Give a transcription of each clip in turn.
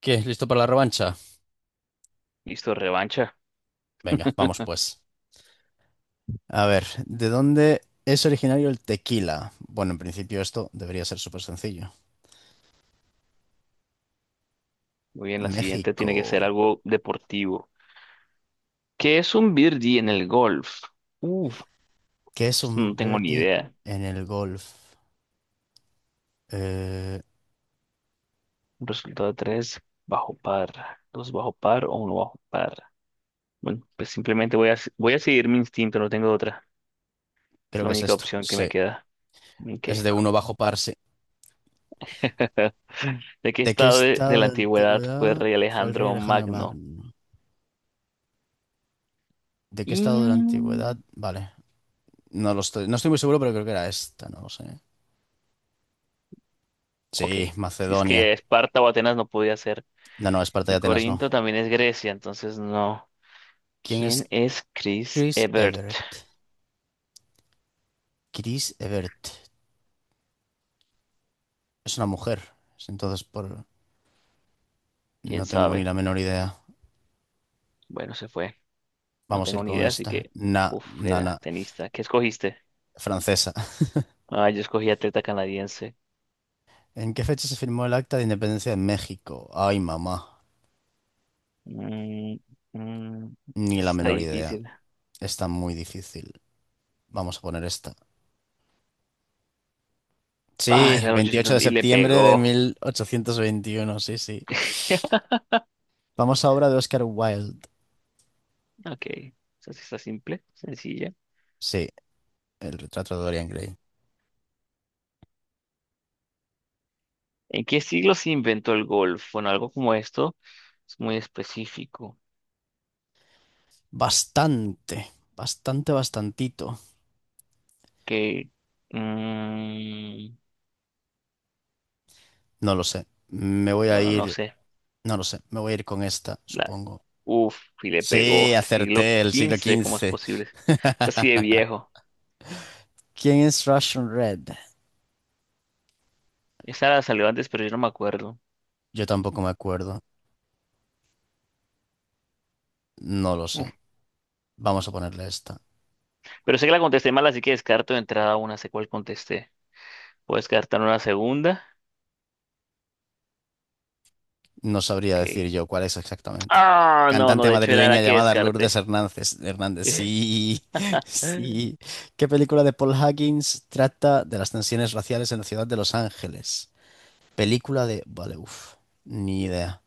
¿Qué? ¿Listo para la revancha? Listo, revancha. Venga, vamos pues. A ver, ¿de dónde es originario el tequila? Bueno, en principio esto debería ser súper sencillo. Muy bien, la siguiente tiene que México. ser algo deportivo. ¿Qué es un birdie en el golf? Uf, ¿Qué es esto no un tengo ni birdie idea. en el golf? Eh, Un resultado de tres bajo par, dos bajo par o uno bajo par. Bueno, pues simplemente voy a seguir mi instinto, no tengo otra. Es Creo la que es única esto. opción que me Sí, queda. Ok. es de uno bajo par, sí. ¿De qué ¿De qué estado de estado la de antigüedad fue antigüedad rey fue el rey Alejandro Alejandro Magno? Magno? ¿De qué estado de la antigüedad? Mm, Vale, no estoy muy seguro, pero creo que era esta, no lo sé. ok, Sí, si es que Macedonia. Esparta o Atenas no podía ser. No, no, Esparta y Y Atenas no. Corinto también es Grecia, entonces no. ¿Quién ¿Quién es es Chris Chris Evert? Everett? Chris Evert. Es una mujer. Entonces, por... ¿Quién no tengo ni sabe? la menor idea. Bueno, se fue. No Vamos a tengo ir ni con idea, así esta. que… Na, na, na. era tenista. ¿Qué escogiste? Francesa. Ah, yo escogí atleta canadiense. ¿En qué fecha se firmó el Acta de Independencia de México? Ay, mamá. Mm, mm, esta Ni la está menor idea. difícil. Está muy difícil. Vamos a poner esta. Ah, Sí, era el 28 800 de y le septiembre de pegó. 1821. Sí, sí. Vamos a obra de Oscar Wilde. Ok, ¿esa sí está simple, sencilla? Sí, el retrato de Dorian Gray. ¿En qué siglo se inventó el golf? Bueno, algo como esto es muy específico. Bastante. Bastante, bastantito. Que, mm, No lo sé. Me voy a bueno, no ir sé. No lo sé, me voy a ir con esta, La- supongo. Y le Sí, pegó. Siglo acerté el siglo XV, ¿cómo es XV. posible? Es así de viejo. ¿Quién es Russian Red? Esa la salió antes, pero yo no me acuerdo. Yo tampoco me acuerdo. No lo sé. Uf, Vamos a ponerle esta. Pero sé que la contesté mal, así que descarto de entrada una. Sé cuál contesté. Puedo descartar una segunda. No sabría Ok. decir yo cuál es exactamente. Ah, no, no, Cantante de hecho era madrileña la que llamada Lourdes descarté. Hernández. Hernández, sí, sí. ¿Qué película de Paul Higgins trata de las tensiones raciales en la ciudad de Los Ángeles? Película de... Vale, uff. Ni idea.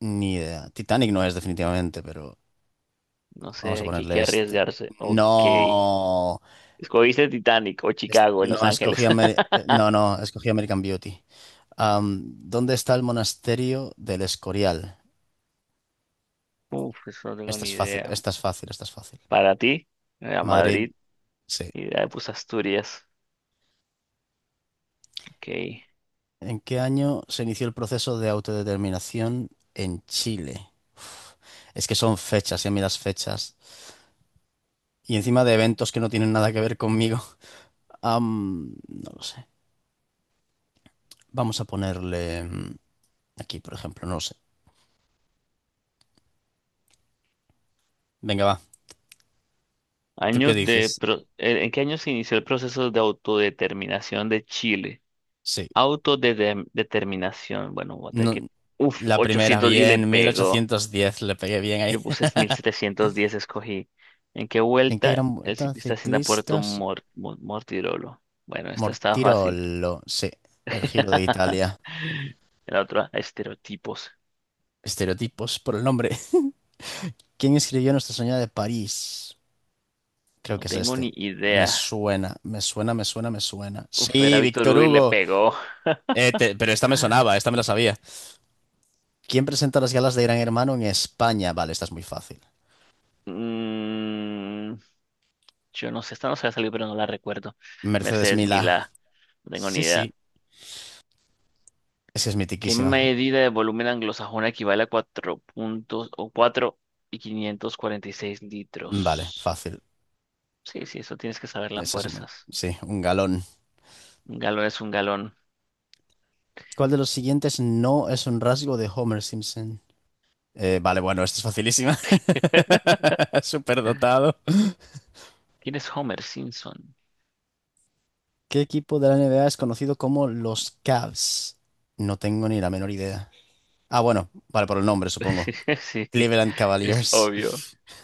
Ni idea. Titanic no es definitivamente, pero... No sé, Vamos a aquí hay ponerle que esta. arriesgarse. Ok. No. Escogiste Titanic o Chicago en Los No, Ángeles. No, no, escogí American Beauty. Am, ¿Dónde está el monasterio del Escorial? Eso no tengo Esta ni es fácil, idea. esta es fácil, esta es fácil. Para ti, era Madrid, Madrid sí. y ya puse Asturias. Ok. ¿En qué año se inició el proceso de autodeterminación en Chile? Uf, es que son fechas, y a mí las fechas. Y encima de eventos que no tienen nada que ver conmigo. No lo sé. Vamos a ponerle aquí, por ejemplo, no lo sé. Venga, va. ¿Tú qué dices? ¿En qué año se inició el proceso de autodeterminación de Chile? Sí. Autodeterminación, bueno, voy a tener No, que… la primera, 800 y le bien, mil pegó. ochocientos diez le pegué bien ahí. Yo puse 1710 escogí. ¿En qué ¿En qué vuelta gran el vuelta ciclista asciende a Puerto ciclistas? Mor- Mo- Mortirolo? Bueno, esta estaba fácil. Mortirolo, sí, el Giro de Italia. La otra, estereotipos. Estereotipos por el nombre. ¿Quién escribió Nuestra Señora de París? Creo No que es tengo este. ni Me idea. suena, me suena, me suena, me suena. Era Sí, Víctor Víctor Hugo y le Hugo. pegó. Pero esta me sonaba, esta me la sabía. ¿Quién presenta las galas de Gran Hermano en España? Vale, esta es muy fácil. Mm, Yo no sé, esta no se ha salido, pero no la recuerdo. Mercedes Mercedes Milá. Milá, no tengo ni Sí, idea. sí, es que es ¿Qué mitiquísima. medida de volumen anglosajona equivale a 4 puntos o 4 y 546 Vale, litros? fácil. Sí, sí, eso tienes que saber las Esa es muy- fuerzas. sí, un galón. Un galón es un galón. ¿Cuál de los siguientes no es un rasgo de Homer Simpson? Vale, bueno, esto es facilísima. Superdotado. ¿Quién es Homer Simpson? ¿Qué equipo de la NBA es conocido como los Cavs? No tengo ni la menor idea. Ah, bueno, vale, por el nombre, supongo. Sí, Cleveland es Cavaliers. obvio.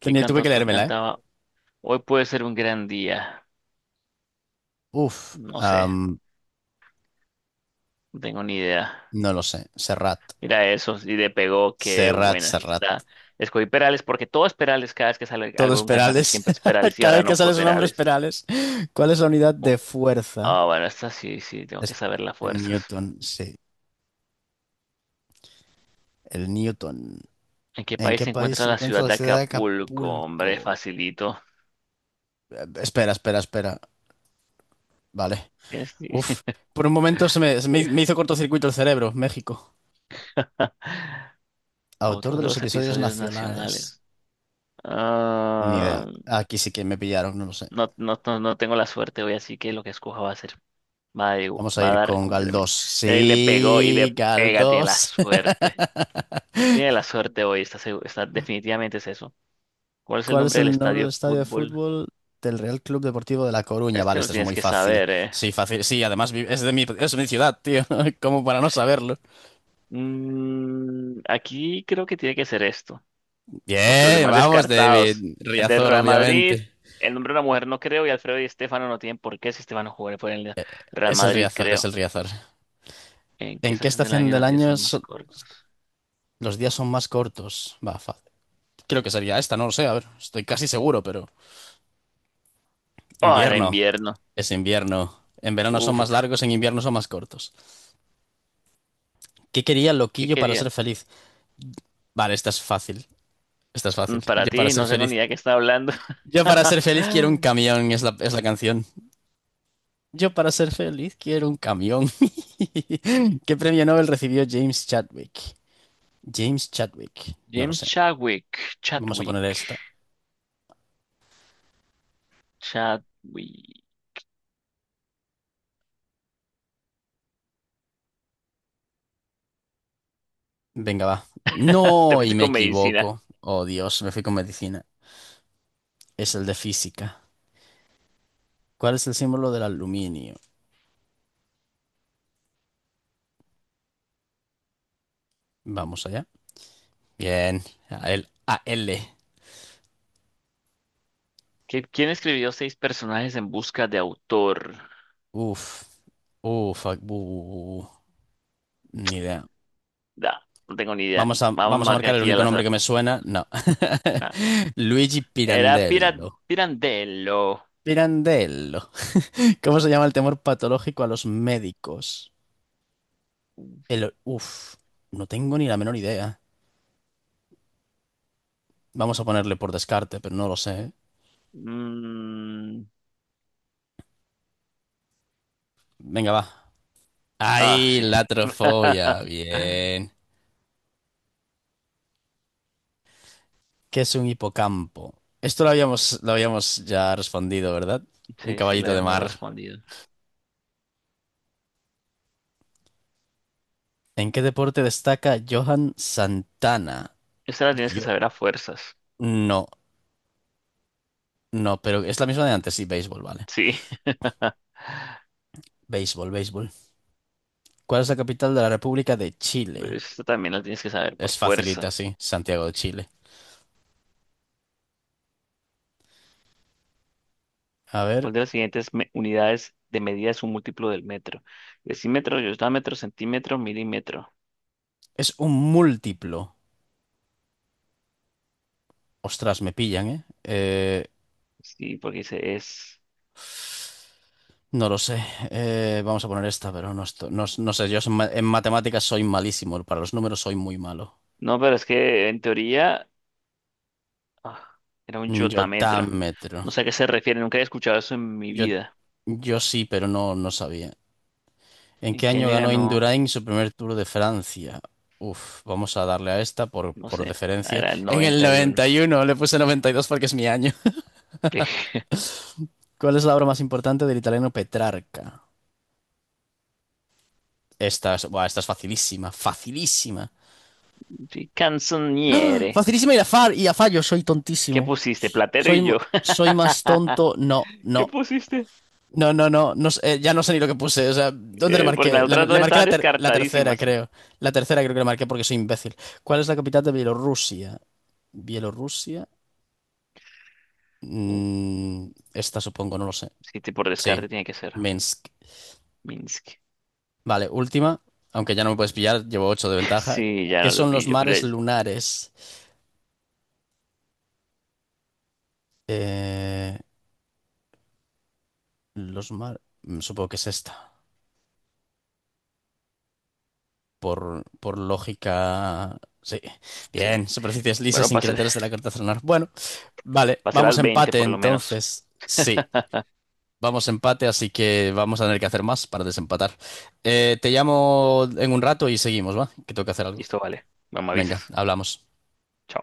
¿Qué tuve que cantautor leérmela, ¿eh? cantaba? Hoy puede ser un gran día. Uf, No sé, no tengo ni idea. no lo sé. Serrat. Mira eso, y le pegó, qué Serrat, buenas Serrat. está. Escogí Perales porque todo es Perales, cada vez que sale Todo algo es de un cantante Perales. siempre es Perales y Cada ahora vez no que sale fue su nombre es Perales. Perales. ¿Cuál es la unidad Oh, de fuerza? ah, bueno, esta sí, sí, tengo que Es saber las fuerzas. Newton, sí, el Newton. ¿En qué ¿En país qué se país encuentra se la encuentra ciudad la de ciudad de Acapulco? Hombre, Acapulco? facilito. Espera, espera, espera. Vale. Tienes- Uf, por un momento se me hizo cortocircuito el cerebro. México. Autor Otros de de los los episodios episodios nacionales. nacionales. Ni idea. Ah, Aquí sí que me pillaron, no lo sé. no, no, no, no tengo la suerte hoy, así que lo que escoja va a ser, va a, Vamos a va a ir dar con Galdós. completamente. Mira, y le pegó y Sí, le pega, tiene la Galdós. suerte. Tiene la suerte hoy, está, definitivamente es eso. ¿Cuál es el ¿Cuál es nombre del el nombre del estadio de estadio de fútbol? fútbol del Real Club Deportivo de La Coruña? Este Vale, lo este es tienes muy que fácil. saber, ¿eh? Sí, fácil. Sí, además es de mi ciudad, tío. Como para no saberlo. Aquí creo que tiene que ser esto, porque los Bien, demás vamos, descartados. David. El del Riazor, Real Madrid, obviamente. el nombre de una mujer no creo, y Alfredo y Estefano no tienen por qué si Estefano jugó por el Real Es el Madrid, Riazor, es el creo. Riazor. ¿En qué ¿En qué estación del estación año del los días año son más cortos? los días son más cortos? Va, fácil. Creo que sería esta, no lo sé, a ver, estoy casi seguro, pero... Oh, era Invierno, invierno. es invierno. En verano son más Uf, largos, en invierno son más cortos. ¿Qué quería ¿Qué Loquillo para ser quería? feliz? Vale, esta es fácil, esta es fácil. Para Yo para ti, ser no tengo ni feliz... idea de qué está hablando. Yo para ser feliz quiero un camión, es la canción. Yo para ser feliz quiero un camión. ¿Qué premio Nobel recibió James Chadwick? James Chadwick. No lo James sé. Chadwick, Vamos a Chadwick. poner esta. Chadwick. Venga, va. Te No, y fuiste me con medicina. equivoco. Oh, Dios, me fui con medicina. Es el de física. ¿Cuál es el símbolo del aluminio? Vamos allá. Bien. AL. AL. ¿Quién escribió seis personajes en busca de autor? Uf. Uf. Ni idea. Da, no tengo ni idea. Vamos a Vamos a marcar marcar el aquí único al nombre que azar. me suena. No. Ah, Luigi era Pira- Pirandello. Pirandello. Pirandello. ¿Cómo se llama el temor patológico a los médicos? El... Uf. No tengo ni la menor idea. Vamos a ponerle por descarte, pero no lo sé. ¿Eh? Mm, Venga, va. ah, Ahí, sí. la trofobia. Bien. ¿Qué es un hipocampo? Esto lo habíamos ya respondido, ¿verdad? Un Sí, sí, lo caballito de habíamos mar. respondido. ¿En qué deporte destaca Johan Santana? Esta la tienes que Yo. saber a fuerzas. No, no, pero es la misma de antes. Sí, béisbol, vale. Sí. Béisbol, béisbol. ¿Cuál es la capital de la República de Chile? Esta también la tienes que saber por Es facilita, fuerza. sí. Santiago de Chile. A ver. ¿Cuál de las unidades de medida es un múltiplo del metro? Decímetro, metro, centímetro, milímetro. Es un múltiplo. Ostras, me pillan, ¿eh? Sí, porque se es. No lo sé. Vamos a poner esta, pero no, no, no sé. Yo soy en matemáticas soy malísimo. Para los números soy muy malo. No, pero es que en teoría ah, era un yotametra. Yotámetro. No sé a qué se refiere, nunca he escuchado eso en mi Yo, vida. yo sí, pero no, no sabía. ¿En ¿En qué qué año año ganó ganó? Indurain su primer Tour de Francia? Uf, vamos a darle a esta No por sé, ah, deferencia. era el En el 91. 91. Le puse 92 porque es mi año. ¿Cuál es la obra más importante del italiano Petrarca? Esta es, buah, esta es facilísima, facilísima. Sí, Canzoniere. Facilísima y a fallo, soy ¿Qué tontísimo. pusiste? Platero Soy, y yo. soy más tonto. No, ¿Qué no. pusiste? No, no, no. Ya no sé ni lo que puse. O sea, ¿dónde le Porque marqué? las otras Le dos marqué estaban la tercera, descartadísimas. creo. La tercera creo que le marqué porque soy imbécil. ¿Cuál es la capital de Bielorrusia? Bielorrusia. Uh, Esta supongo, no lo sé. Sí, por Sí, descarte tiene que ser Minsk. Minsk. Vale, última. Aunque ya no me puedes pillar, llevo 8 de ventaja. Sí, ya ¿Qué no lo son los pillo, pero mares lunares? Eh, los mares... Supongo que es esta, por lógica. Sí, sí. bien, superficies lisas Bueno, sin pasé, cráteres de la carta lunar. Bueno, vale, pasé vamos las a 20 empate por lo menos. entonces. Sí, vamos a empate, así que vamos a tener que hacer más para desempatar. Te llamo en un rato y seguimos, ¿va? Que tengo que hacer algo. Listo, vale. Mamá Venga, avisas. hablamos. Chao.